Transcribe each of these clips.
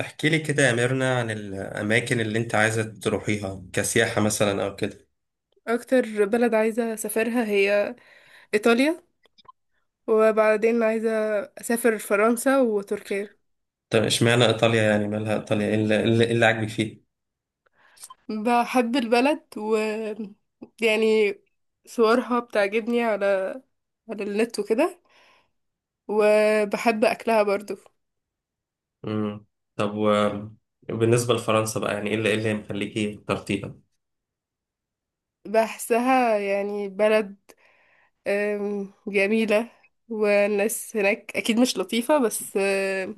احكي لي كده يا ميرنا عن الأماكن اللي أنت عايزة تروحيها كسياحة مثلا أو كده. اكتر بلد عايزة اسافرها هي ايطاليا. وبعدين عايزة اسافر فرنسا وتركيا. طب اشمعنى إيطاليا يعني مالها إيطاليا إيه اللي عاجبك فيه؟ بحب البلد و يعني صورها بتعجبني على على النت وكده، وبحب اكلها برضو. مم. طب و- وبالنسبة لفرنسا بقى يعني إيه اللي مخليكي اخترتيها؟ بحسها يعني بلد جميلة، والناس هناك اكيد مش لطيفة، بس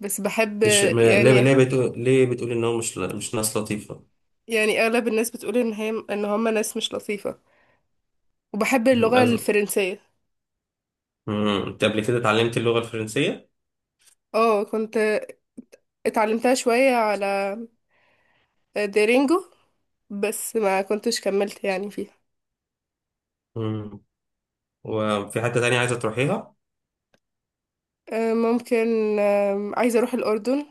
بس بحب. مش م- ليه يعني ليه بتقول ليه بتقولي إن هو مش ناس لطيفة؟ يعني اغلب الناس بتقول ان هي ان هم ناس مش لطيفة. وبحب مم. اللغة الفرنسية. مم. أنت قبل كده اتعلمتي اللغة الفرنسية؟ اه، كنت اتعلمتها شوية على ديرينجو، بس ما كنتش كملت يعني فيها. مم. وفي حتة تانية عايزة تروحيها؟ ممكن. عايزة اروح الأردن.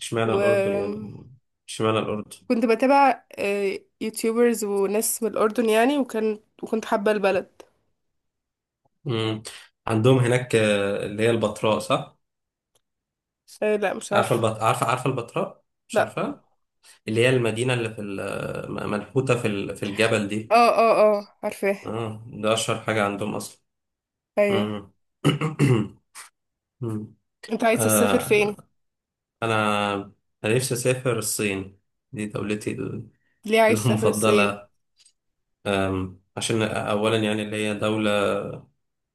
اشمعنى الأردن وكنت يعني؟ اشمعنى الأردن؟ بتابع يوتيوبرز وناس من الأردن يعني، وكنت حابة البلد. مم. عندهم هناك اللي هي البتراء صح؟ آه، لا مش عارفه عارفة. البط... عارفه عارفه البتراء مش لا. عارفه. اللي هي المدينه اللي منحوته في الجبل اه دي. اه. اه عارفاه. اه ده اشهر حاجه عندهم اصلا. ايوه. مم. مم. انت عايز تسافر فين؟ آه انا انا نفسي اسافر الصين. دي دولتي. ليه عايز تسافر الصين؟ المفضله. عشان اولا يعني اللي هي دوله.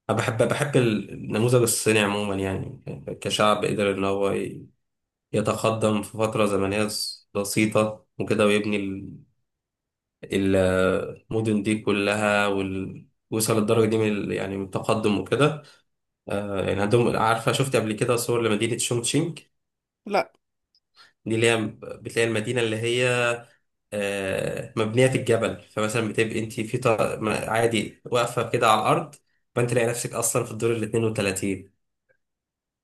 أنا بحب النموذج الصيني عموما يعني كشعب قدر ان هو يتقدم في فتره زمنيه بسيطه وكده ويبني المدن دي كلها وصل الدرجة دي يعني من التقدم وكده. يعني عندهم، عارفة، شفت قبل كده صور لمدينة شونغشينج؟ لا. دي اللي هي بتلاقي المدينة اللي هي مبنية في الجبل، فمثلا بتبقي انت عادي واقفة كده على الأرض، فانت تلاقي نفسك أصلا في الدور ال 32.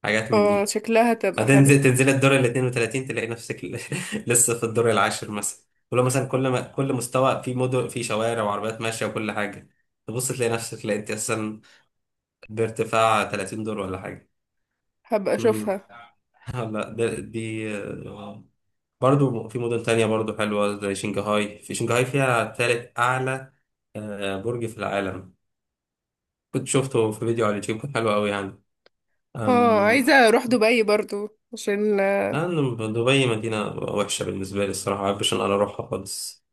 حاجات من اه دي. شكلها تبقى حلو. تنزل الدور ال 32 تلاقي نفسك لسه في الدور العاشر مثلا. ولو مثلا كل ما كل مستوى في مدن في شوارع وعربيات ماشيه وكل حاجه، تبص تلاقي نفسك، لا انت اساسا بارتفاع 30 دور ولا حاجه. هبقى امم اشوفها. آه، لا ده دي آه، برضو في مدن تانية برضو حلوة زي شنغهاي. في شنغهاي فيها تالت أعلى برج في العالم، كنت شفته في فيديو على اليوتيوب كان حلو قوي يعني. اه أم... عايزة اروح دبي برضو عشان. لأن دبي مدينة وحشة بالنسبة لي الصراحة، ما بحبش إن أنا أروحها خالص.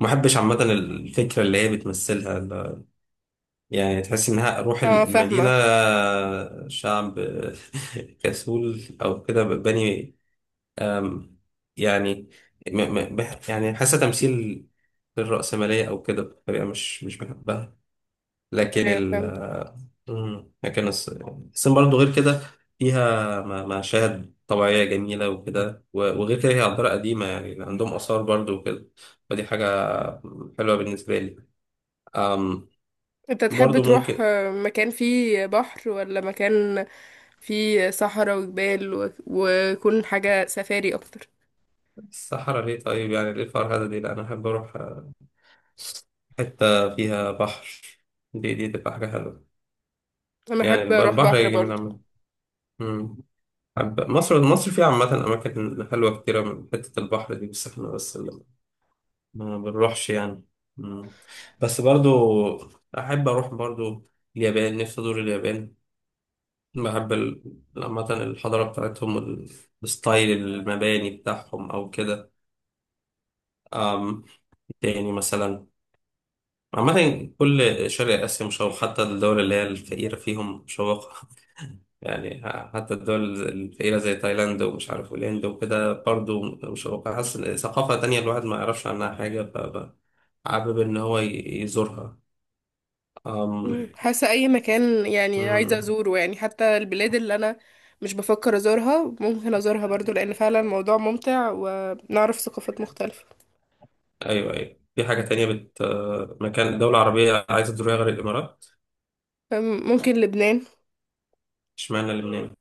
ما بحبش عامة الفكرة اللي هي بتمثلها. يعني تحس إنها روح اه المدينة. فاهمة. شعب كسول أو كده بني. أم، يعني يعني حاسة تمثيل للرأسمالية أو كده بطريقة مش بحبها. لكن ايوه ال فاهم. مم، لكن الص- الصين برضه غير كده، فيها مشاهد طبيعية جميلة وكده وغير كده هي عبارة قديمة، يعني عندهم آثار برضه وكده، فدي حاجة حلوة بالنسبة لي. أم انت تحب برضه تروح ممكن. مكان فيه بحر، ولا مكان فيه صحراء وجبال ويكون حاجة سفاري اكتر؟ الصحراء ليه طيب؟ يعني ليه الفرهدة دي؟ لا أنا أحب أروح حتة فيها بحر، دي تبقى حاجة حلوة. انا يعني احب الب- اروح البحر بحر جميل برضه. عامة. أمم. مصر فيها عامة أماكن حلوة كتيرة من حتة البحر دي، بس إحنا بس اللي ما بنروحش يعني. أمم. بس برضو أحب أروح برضو اليابان، نفسي أزور اليابان. بحب ال- عامة الحضارة بتاعتهم الستايل، المباني بتاعهم أو كده. أم، تاني مثلا، عامة كل شرق آسيا مشوق، حتى الدول اللي هي الفقيرة فيهم مشوقة. يعني حتى الدول الفقيرة زي تايلاند ومش عارف والهند وكده برضه مشوقة، حاسس إن ثقافة تانية الواحد ما يعرفش عنها حاجة، فحابب إن هو يزورها. أم... مم. حاسة اي مكان يعني عايزة مم. ازوره، يعني حتى البلاد اللي انا مش بفكر ازورها ممكن ازورها برضه، لان فعلا الموضوع ممتع ونعرف ثقافات مختلفة. أيوه أيوه، في حاجة تانية مكان، دولة عربية عايزة تزورها غير الإمارات؟ ممكن لبنان. اشمعنى لبنان؟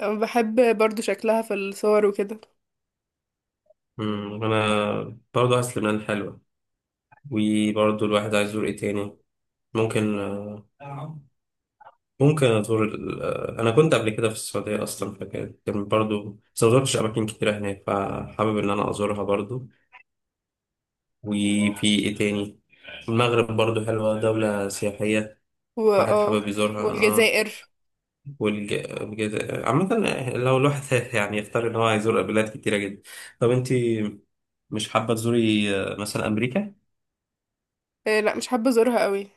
بحب برضه شكلها في الصور وكده. مم، أنا برضه حاسس لبنان حلوة. وبرضه الواحد عايز يزور إيه تاني؟ ممكن آه، ممكن أزور أنا كنت قبل كده في السعودية أصلا، كان برضو، بس ما زرتش أماكن كتيرة هناك، فحابب إن أنا أزورها برضو. وفي إيه تاني؟ المغرب برضو حلوة، دولة سياحية، واحد واه. حابب يزورها. والجزائر. عامة لو الواحد يعني يختار إن هو هيزور بلاد كتيرة جدا. طب أنت مش حابة تزوري مثلا أمريكا؟ آه، لا مش حابة ازورها قوي،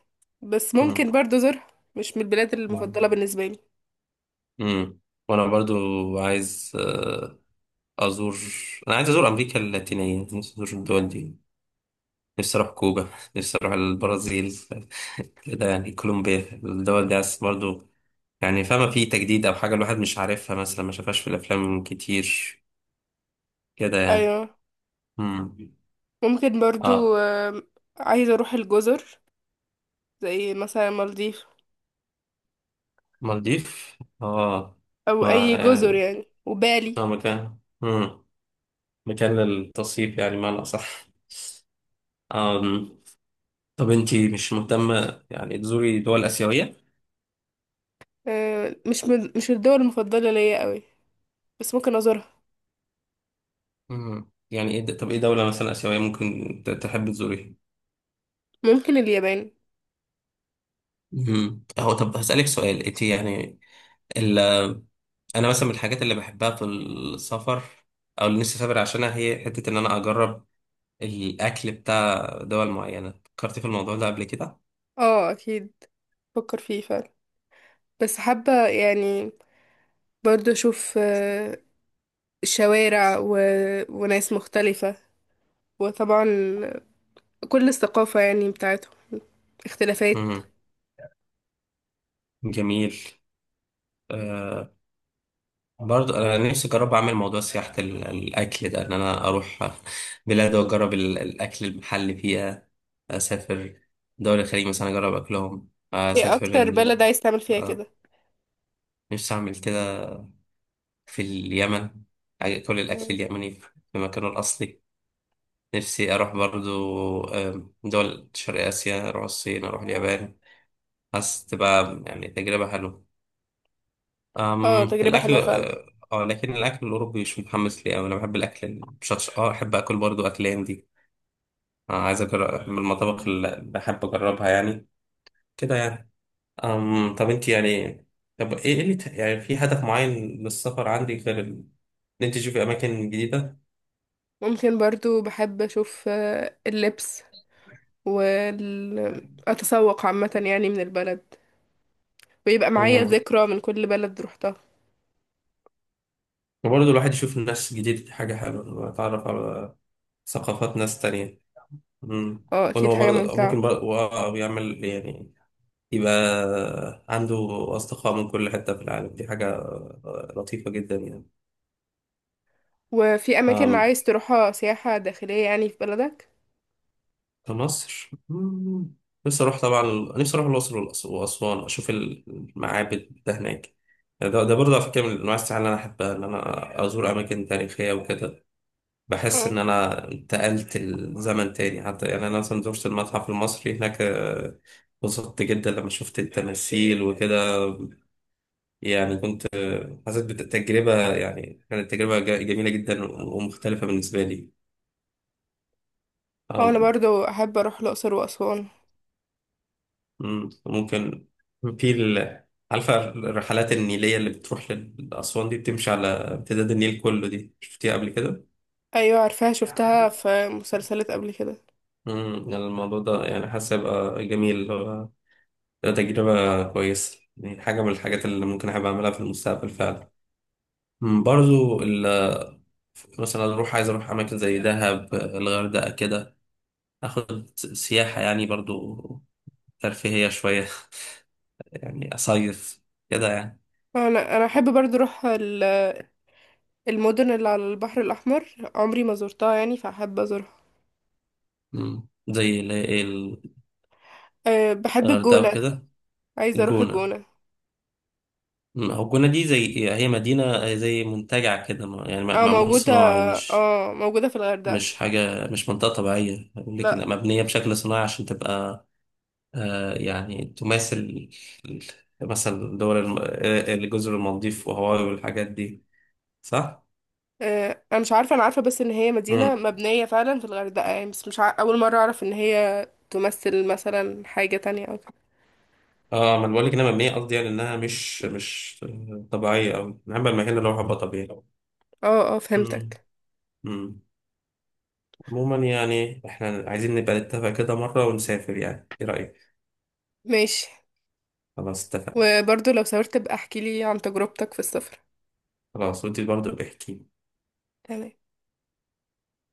بس مم. ممكن برضو ازورها. مش من البلاد المفضلة بالنسبة لي. امم وانا برضو عايز آه، ازور انا عايز ازور امريكا اللاتينيه، نفسي ازور الدول دي، نفسي أروح كوبا، نفسي أروح البرازيل، كده يعني كولومبيا، الدول دي عايز برضو، يعني فاهمة، في تجديد أو حاجة الواحد مش عارفها، مثلا ما شافهاش في الأفلام كتير كده يعني. ايوه. مم. ممكن آه برضو، عايزة اروح الجزر، زي مثلا مالديف مالديف. او ما اي جزر يعني يعني، وبالي. مكان. للتصيف يعني، معنى أصح. آم. طب أنتي مش مهتمة يعني تزوري دول آسيوية؟ آه، مش الدول المفضلة ليا قوي، بس ممكن ازورها. مم. يعني إيه طب إيه دولة مثلا آسيوية ممكن تحب تزوريها؟ ممكن اليابان. مم. هو طب هسألك سؤال، انت يعني ال... انا مثلا من الحاجات اللي بحبها في السفر او اللي نفسي اسافر عشانها، هي حتة ان انا اجرب الاكل بتاع دول معينة. فكرتي في الموضوع ده قبل كده؟ اه اكيد، بفكر فيه فعلا، بس حابة يعني برضو اشوف شوارع وناس مختلفة، وطبعا كل الثقافة يعني بتاعتهم، اختلافات. مم. جميل. برضه انا نفسي اجرب اعمل موضوع سياحة الاكل ده، ان انا اروح بلاد واجرب الاكل المحلي فيها. اسافر دول الخليج مثلا اجرب اكلهم، ايه اسافر اكتر بلد عايز تعمل فيها كده؟ آه، نفسي اعمل كده في اليمن، كل الأكل مم. اليمني في مكانه الأصلي. نفسي أروح برضو دول شرق آسيا، أروح الصين، أروح اليابان، حاسس تبقى يعني تجربة حلوة. أم اه تجربة الأكل حلوة فعلا. آه لكن الأكل الأوروبي مش متحمس ليه أوي، أنا بحب الأكل المشطشط، أحب أكل برضو، أكل هندي، عايز أجرب من المطابخ اللي بحب أجربها يعني كده يعني. طب أنت يعني، طب إيه اللي يعني في هدف معين للسفر عندك غير إن أنت تشوفي أماكن جديدة؟ ممكن برضو بحب اشوف اللبس والتسوق عامة يعني من البلد، ويبقى معايا ذكرى من كل بلد روحتها. وبرضه الواحد يشوف ناس جديدة، دي حاجة حلوة، يتعرف على ثقافات ناس تانية. مم. اه اكيد وأنا حاجة برضه، ممتعة. ممكن برضه بيعمل يعني، يبقى عنده أصدقاء من كل حتة في العالم، دي حاجة لطيفة جدا يعني. وفي اماكن أم، عايز تروحها سياحة داخلية يعني في بلدك؟ كمصر. نفسي أروح طبعا، نفسي أروح الأقصر وأسوان أشوف المعابد ده هناك. يعني ده برضه على فكرة من أنواع السياحة اللي أنا أحبها، إن أنا أزور أماكن تاريخية وكده. بحس ان مم. انا انتقلت الزمن تاني، حتى يعني انا مثلا زرت المتحف المصري هناك، انبسطت جدا لما شفت التماثيل وكده. يعني كنت، حسيت بالتجربة، يعني كانت تجربة جميلة جدا ومختلفة بالنسبة لي. اه انا آم، برضو احب اروح الاقصر واسوان. مم، ممكن في ال- عارفة الرحلات النيلية اللي بتروح لأسوان دي، بتمشي على امتداد النيل كله، دي شفتيها قبل كده؟ ايوه عارفاها، شفتها في مسلسلات قبل كده. مم، يعني الموضوع ده يعني حاسس هيبقى جميل، ده تجربة كويسة، يعني حاجة من الحاجات اللي ممكن أحب أعملها في المستقبل فعلا. مم، برضو مثلا عايز أروح أماكن زي دهب، الغردقة كده، أخد سياحة يعني برضو ترفيهية شوية، يعني أصيف كده يعني. انا احب برضو اروح المدن اللي على البحر الأحمر، عمري ما زرتها يعني فأحب أزورها. مم، زي اللي هي أه بحب الغردقة الجونة. وكده. عايزة أروح الجونة. الجونة. مم، هو الجونة دي زي، هي مدينة زي منتجع كده، يعني اه معمول موجودة. صناعي، اه موجودة في الغردقة. مش منطقة طبيعية، لكن لا. مبنية بشكل صناعي عشان تبقى يعني تماثل مثلا دول الجزر المالديف وهاواي والحاجات دي، صح؟ أه أنا مش عارفة، أنا عارفة بس إن هي مدينة مم. مبنية فعلا في الغردقة يعني، بس مش عارفة، أول مرة أعرف إن هي تمثل مثلا حاجة تانية أو كده. اه ما انا بقول لك انها مبنيه قصدي، يعني انها مش طبيعيه قوي، انا بحب المكان اللي هو هيبقى طبيعي. اه اه مم. فهمتك. مم. عموما يعني احنا عايزين نبقى نتفق كده مره ونسافر، يعني ايه رايك؟ ماشي. خلاص اتفقنا. وبرضو لو سافرت بقى احكيلي عن تجربتك في السفر. خلاص، وانت برضه بحكي. تمام.